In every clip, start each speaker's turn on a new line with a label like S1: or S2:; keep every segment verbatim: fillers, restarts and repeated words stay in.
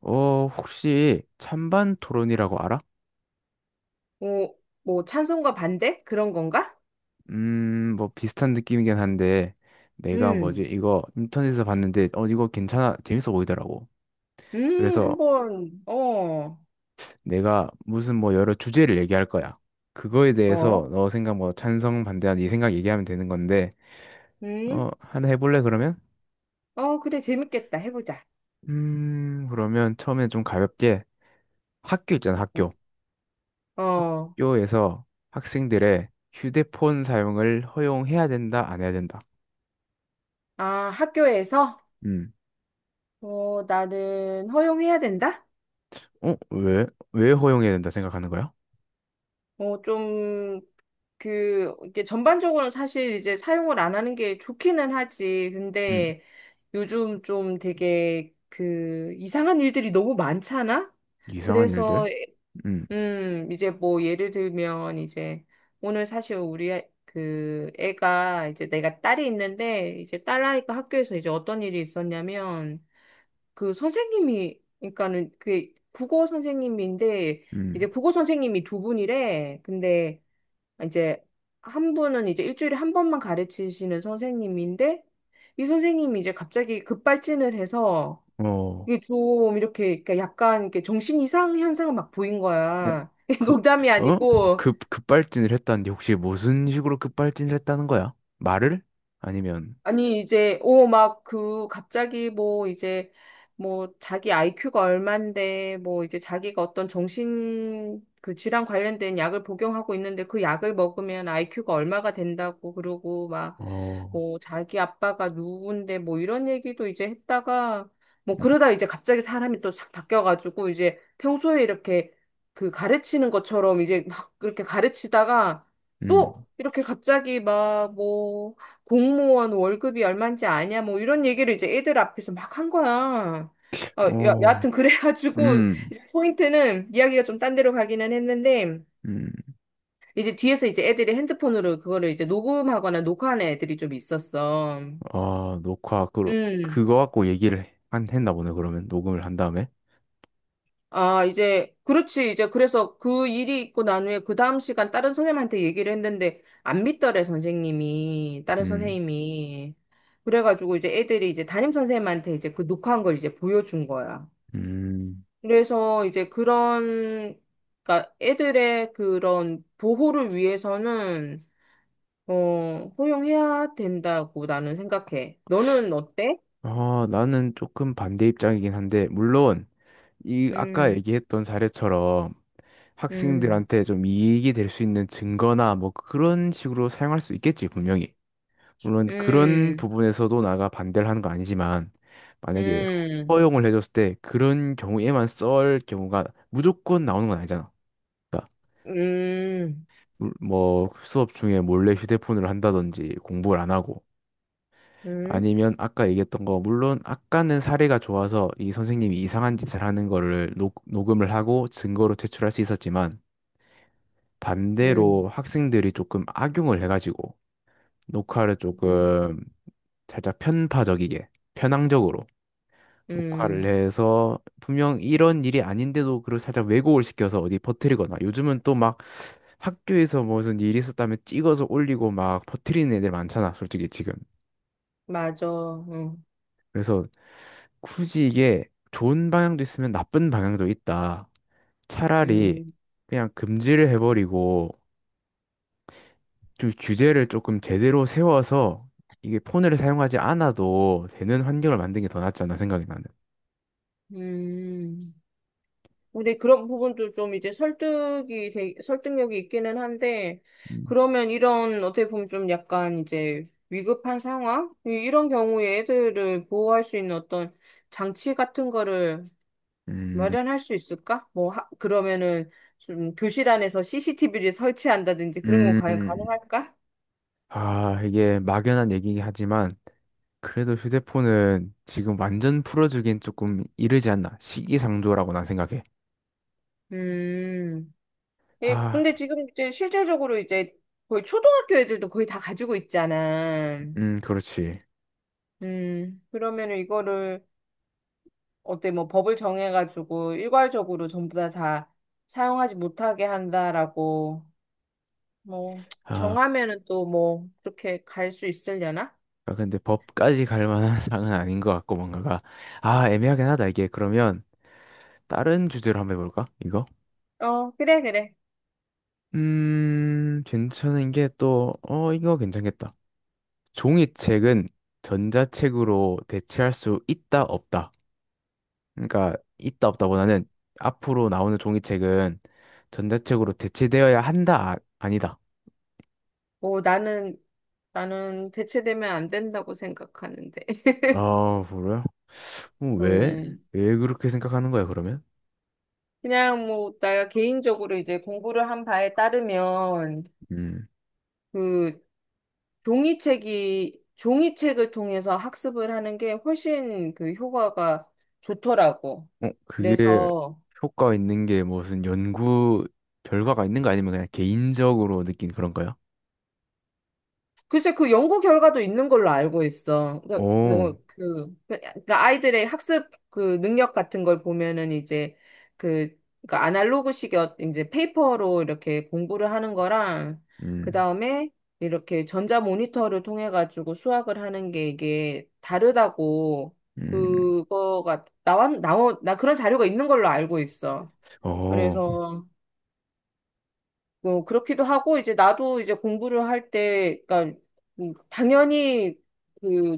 S1: 어, 혹시 찬반 토론이라고 알아?
S2: 뭐, 뭐 찬성과 반대? 그런 건가?
S1: 음, 뭐 비슷한 느낌이긴 한데 내가 뭐지
S2: 음,
S1: 이거 인터넷에서 봤는데 어 이거 괜찮아 재밌어 보이더라고.
S2: 음,
S1: 그래서
S2: 한번, 어,
S1: 내가 무슨 뭐 여러 주제를 얘기할 거야. 그거에 대해서
S2: 어,
S1: 너 생각 뭐 찬성 반대한 이 생각 얘기하면 되는 건데
S2: 음,
S1: 어 하나 해볼래 그러면?
S2: 어, 그래, 재밌겠다. 해보자.
S1: 음, 그러면 처음에 좀 가볍게 학교 있잖아
S2: 응.
S1: 학교.
S2: 어,
S1: 학교에서 학생들의 휴대폰 사용을 허용해야 된다 안 해야 된다.
S2: 아, 학교에서,
S1: 음.
S2: 어, 나는 허용해야 된다?
S1: 어? 왜? 왜 허용해야 된다 생각하는 거야?
S2: 어, 좀, 그, 이게 전반적으로는 사실 이제 사용을 안 하는 게 좋기는 하지.
S1: 음,
S2: 근데 요즘 좀 되게 그 이상한 일들이 너무 많잖아?
S1: 이상한
S2: 그래서
S1: 일들? 음.
S2: 음, 이제 뭐 예를 들면 이제 오늘 사실 우리 애- 그 애가 이제 내가 딸이 있는데 이제 딸아이가 학교에서 이제 어떤 일이 있었냐면, 그 선생님이 그러니까는 그 국어 선생님인데, 이제
S1: 음.
S2: 국어 선생님이 두 분이래. 근데 이제 한 분은 이제 일주일에 한 번만 가르치시는 선생님인데, 이 선생님이 이제 갑자기 급발진을 해서
S1: 어, 어,
S2: 이게 좀 이렇게 그러니까 약간 이렇게 정신 이상 현상을 막 보인 거야.
S1: 그,
S2: 농담이
S1: 어?
S2: 아니고.
S1: 급, 급발진을 했다는데 혹시 무슨 식으로 급발진을 했다는 거야? 말을? 아니면,
S2: 아니, 이제, 오, 막, 그, 갑자기 뭐, 이제, 뭐, 자기 아이큐가 얼만데, 뭐, 이제 자기가 어떤 정신, 그 질환 관련된 약을 복용하고 있는데, 그 약을 먹으면 아이큐가 얼마가 된다고, 그러고, 막,
S1: 어,
S2: 뭐, 자기 아빠가 누군데, 뭐, 이런 얘기도 이제 했다가, 뭐,
S1: 음,
S2: 그러다 이제 갑자기 사람이 또 싹 바뀌어가지고, 이제 평소에 이렇게 그 가르치는 것처럼 이제 막 그렇게 가르치다가, 또,
S1: 음,
S2: 이렇게 갑자기 막, 뭐, 공무원 월급이 얼마인지 아냐 뭐 이런 얘기를 이제 애들 앞에서 막 한 거야. 어, 여,
S1: 어,
S2: 여하튼 그래가지고
S1: 음,
S2: 이제 포인트는 이야기가 좀 딴 데로 가기는 했는데,
S1: 음.
S2: 이제 뒤에서 이제 애들이 핸드폰으로 그거를 이제 녹음하거나 녹화하는 애들이 좀 있었어.
S1: 아, 녹화, 그,
S2: 음.
S1: 그거 갖고 얘기를 한, 했나 보네, 그러면. 녹음을 한 다음에.
S2: 아, 이제 그렇지. 이제 그래서 그 일이 있고 난 후에 그 다음 시간 다른 선생님한테 얘기를 했는데 안 믿더래, 선생님이, 다른
S1: 음,
S2: 선생님이. 그래가지고 이제 애들이 이제 담임 선생님한테 이제 그 녹화한 걸 이제 보여준 거야.
S1: 음,
S2: 그래서 이제 그런, 그러니까 애들의 그런 보호를 위해서는, 어, 허용해야 된다고 나는 생각해. 너는 어때?
S1: 아, 나는 조금 반대 입장이긴 한데, 물론, 이, 아까
S2: 음,
S1: 얘기했던 사례처럼,
S2: 음,
S1: 학생들한테 좀 이익이 될 수 있는 증거나 뭐 그런 식으로 사용할 수 있겠지, 분명히. 물론 그런
S2: 음,
S1: 부분에서도 나가 반대를 하는 거 아니지만, 만약에
S2: 음,
S1: 허용을 해줬을 때 그런 경우에만 쓸 경우가 무조건 나오는 건 아니잖아. 그러니까
S2: 음,
S1: 물- 뭐 수업 중에 몰래 휴대폰을 한다든지 공부를 안 하고,
S2: 음,
S1: 아니면 아까 얘기했던 거, 물론 아까는 사례가 좋아서 이 선생님이 이상한 짓을 하는 거를 녹, 녹음을 하고 증거로 제출할 수 있었지만,
S2: 음,
S1: 반대로 학생들이 조금 악용을 해가지고 녹화를
S2: 음,
S1: 조금 살짝 편파적이게 편향적으로
S2: 음,
S1: 녹화를 해서 분명 이런 일이 아닌데도 그걸 살짝 왜곡을 시켜서 어디 퍼뜨리거나 요즘은 또 막 학교에서 무슨 일이 있었다면 찍어서 올리고 막 퍼뜨리는 애들 많잖아 솔직히 지금.
S2: 맞아. 응,
S1: 그래서 굳이 이게 좋은 방향도 있으면 나쁜 방향도 있다. 차라리
S2: 음,
S1: 그냥 금지를 해버리고 좀 규제를 조금 제대로 세워서 이게 폰을 사용하지 않아도 되는 환경을 만든 게 더 낫지 않나 생각이 나는.
S2: 음. 근데 그런 부분도 좀 이제 설득이 되- 설득력이 있기는 한데,
S1: 음,
S2: 그러면 이런 어떻게 보면 좀 약간 이제 위급한 상황 이- 이런 경우에 애들을 보호할 수 있는 어떤 장치 같은 거를
S1: 음.
S2: 마련할 수 있을까? 뭐 하- 그러면은 좀 교실 안에서 씨씨티비를 설치한다든지 그런 건 과연
S1: 음.
S2: 가능할까?
S1: 아, 이게 막연한 얘기긴 하지만 그래도 휴대폰은 지금 완전 풀어주긴 조금 이르지 않나. 시기상조라고 난 생각해.
S2: 음. 예,
S1: 아,
S2: 근데 지금 이제 실질적으로 이제 거의 초등학교 애들도 거의 다 가지고 있잖아.
S1: 음, 그렇지.
S2: 음. 그러면은 이거를 어때, 뭐 법을 정해가지고 일괄적으로 전부 다 다 사용하지 못하게 한다라고 뭐
S1: 아,
S2: 정하면은 또 뭐 그렇게 갈 수 있으려나?
S1: 아, 근데 법까지 갈 만한 사항은 아닌 것 같고 뭔가가 아, 애매하긴 하다 이게. 그러면 다른 주제로 한번 해볼까? 이거?
S2: 어, 그래 그래.
S1: 음, 괜찮은 게 또, 어, 이거 괜찮겠다. 종이책은 전자책으로 대체할 수 있다, 없다. 그러니까, 있다, 없다보다는 앞으로 나오는 종이책은 전자책으로 대체되어야 한다, 아, 아니다.
S2: 뭐 나는 나는 대체되면 안 된다고 생각하는데.
S1: 아, 그래요? 어, 왜?
S2: 음.
S1: 왜 그렇게 생각하는 거야, 그러면?
S2: 그냥 뭐 내가 개인적으로 이제 공부를 한 바에 따르면
S1: 음,
S2: 그 종이책이 종이책을 통해서 학습을 하는 게 훨씬 그 효과가 좋더라고.
S1: 어, 그게
S2: 그래서
S1: 효과 있는 게 무슨 연구 결과가 있는 거 아니면 그냥 개인적으로 느낀 그런 거야?
S2: 글쎄, 그 연구 결과도 있는 걸로 알고 있어. 그러니까
S1: 오,
S2: 뭐, 그, 그 그러니까 아이들의 학습 그 능력 같은 걸 보면은 이제 그, 그러니까 아날로그식 어- 이제 페이퍼로 이렇게 공부를 하는 거랑, 그
S1: 음,
S2: 다음에 이렇게 전자 모니터를 통해 가지고 수학을 하는 게 이게 다르다고,
S1: 음,
S2: 그거가 나왔, 나온, 나 그런 자료가 있는 걸로 알고 있어.
S1: 어.
S2: 그래서 어, 그렇기도 하고, 이제 나도 이제 공부를 할 때, 그러니까, 음, 당연히 그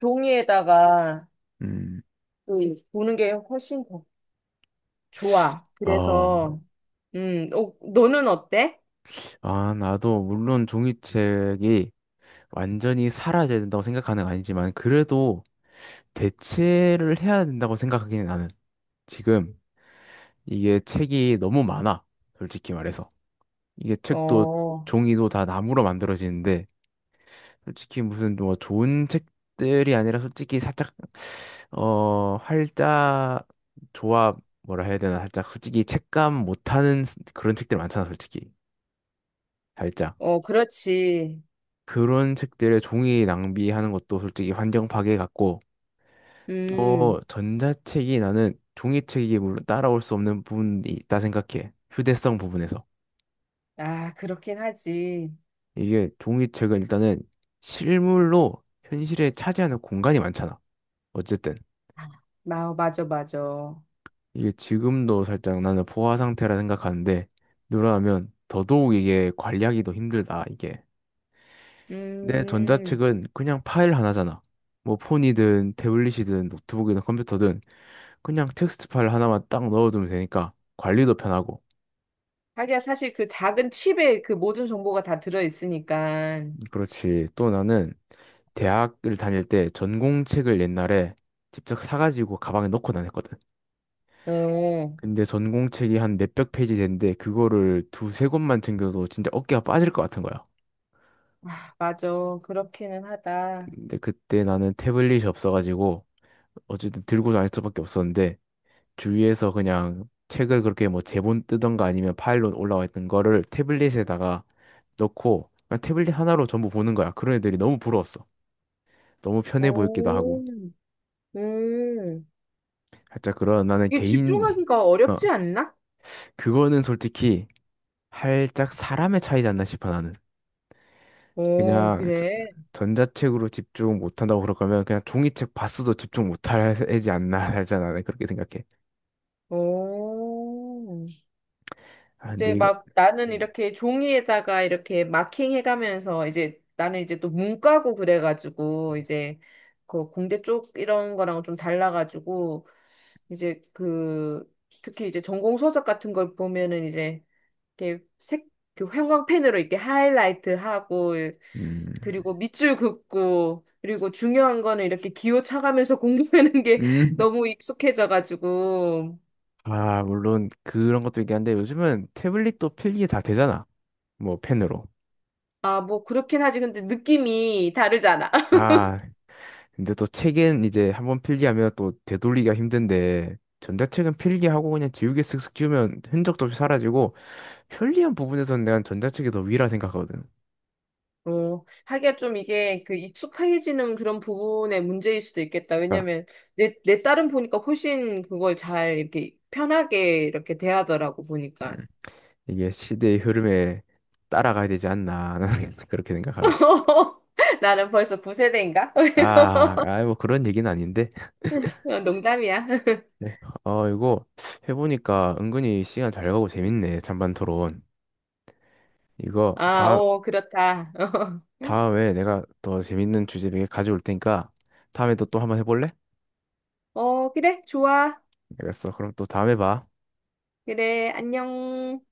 S2: 종이에다가
S1: 음,
S2: 그 보는 게 훨씬 더 좋아.
S1: 아,
S2: 그래서, 음, 어, 너는 어때?
S1: 아, 나도 물론 종이책이 완전히 사라져야 된다고 생각하는 건 아니지만 그래도 대체를 해야 된다고 생각하기는 나는 지금 이게 책이 너무 많아. 솔직히 말해서. 이게 책도
S2: 어,
S1: 종이도 다 나무로 만들어지는데 솔직히 무슨 뭐 좋은 책들이 아니라 솔직히 살짝 어, 활자 조합 뭐라 해야 되나 살짝 솔직히 책감 못하는 그런 책들 많잖아 솔직히. 살짝.
S2: 어, 그렇지.
S1: 그런 책들의 종이 낭비하는 것도 솔직히 환경 파괴 같고 또
S2: 음,
S1: 전자책이 나는 종이책이 물론 따라올 수 없는 부분이 있다 생각해. 휴대성 부분에서.
S2: 아, 그렇긴 하지.
S1: 이게 종이책은 일단은 실물로 현실에 차지하는 공간이 많잖아. 어쨌든
S2: 마, 맞아, 맞아.
S1: 이게 지금도 살짝 나는 포화 상태라 생각하는데 누락하면 더더욱 이게 관리하기도 힘들다 이게. 내
S2: 음,
S1: 전자책은 그냥 파일 하나잖아. 뭐 폰이든 태블릿이든 노트북이든 컴퓨터든 그냥 텍스트 파일 하나만 딱 넣어두면 되니까 관리도 편하고.
S2: 하기야 사실 그 작은 칩에 그 모든 정보가 다 들어있으니까.
S1: 그렇지. 또 나는 대학을 다닐 때 전공책을 옛날에 직접 사가지고 가방에 넣고 다녔거든.
S2: 어,
S1: 근데 전공책이 한 몇백 페이지 되는데 그거를 두세 권만 챙겨도 진짜 어깨가 빠질 것 같은 거야.
S2: 아, 맞아. 그렇기는 하다.
S1: 근데 그때 나는 태블릿이 없어가지고 어쨌든 들고 다닐 수밖에 없었는데 주위에서 그냥 책을 그렇게 뭐 제본 뜨던가 아니면 파일로 올라와 있던 거를 태블릿에다가 넣고 그냥 태블릿 하나로 전부 보는 거야. 그런 애들이 너무 부러웠어. 너무 편해 보였기도
S2: 오,
S1: 하고.
S2: 음.
S1: 살짝 그런 나는
S2: 이게
S1: 개인
S2: 집중하기가
S1: 어
S2: 어렵지 않나?
S1: 그거는 솔직히 살짝 사람의 차이지 않나 싶어 나는.
S2: 오,
S1: 그냥 저-
S2: 그래.
S1: 전자책으로 집중 못한다고 그럴 거면 그냥 종이책 봤어도 집중 못할 애지 않나 하잖아. 나는 그렇게 생각해.
S2: 오,
S1: 아
S2: 이제
S1: 근데 이거.
S2: 막 나는 이렇게 종이에다가 이렇게 마킹 해가면서, 이제 나는 이제 또 문과고 그래가지고 이제 그 공대 쪽 이런 거랑 좀 달라가지고 이제 그 특히 이제 전공 서적 같은 걸 보면은 이제 이렇게 색, 그 형광펜으로 이렇게 하이라이트 하고,
S1: 음.
S2: 그리고 밑줄 긋고, 그리고 중요한 거는 이렇게 기호 차가면서 공부하는 게
S1: 음.
S2: 너무 익숙해져가지고.
S1: 아, 물론 그런 것도 있긴 한데 요즘은 태블릿도 필기 다 되잖아. 뭐 펜으로.
S2: 아, 뭐, 그렇긴 하지. 근데 느낌이 다르잖아.
S1: 아, 근데 또 책은 이제 한번 필기하면 또 되돌리기가 힘든데 전자책은 필기하고 그냥 지우개 쓱쓱 지우면 흔적도 없이 사라지고 편리한 부분에서는 내가 전자책이 더 위라 생각하거든.
S2: 어, 하기가 좀 이게 그 익숙해지는 그런 부분의 문제일 수도 있겠다.
S1: 그러니까
S2: 왜냐면 내, 내 딸은 보니까 훨씬 그걸 잘 이렇게 편하게 이렇게 대하더라고, 보니까.
S1: 음, 이게 시대의 흐름에 따라가야 되지 않나 나는 그렇게 생각하거든.
S2: 나는 벌써 구 세대인가?
S1: 아, 아이 뭐 그런 얘기는 아닌데.
S2: 어, 농담이야.
S1: 네. 어, 이거 해보니까 은근히 시간 잘 가고 재밌네. 찬반 토론. 이거
S2: 아,
S1: 다
S2: 어, 그렇다.
S1: 다음에 내가 더 재밌는 주제 몇 개 가져올 테니까 다음에 또 또 한번 해볼래?
S2: 어, 그래, 좋아.
S1: 알겠어. 그럼 또 다음에 봐.
S2: 그래, 안녕.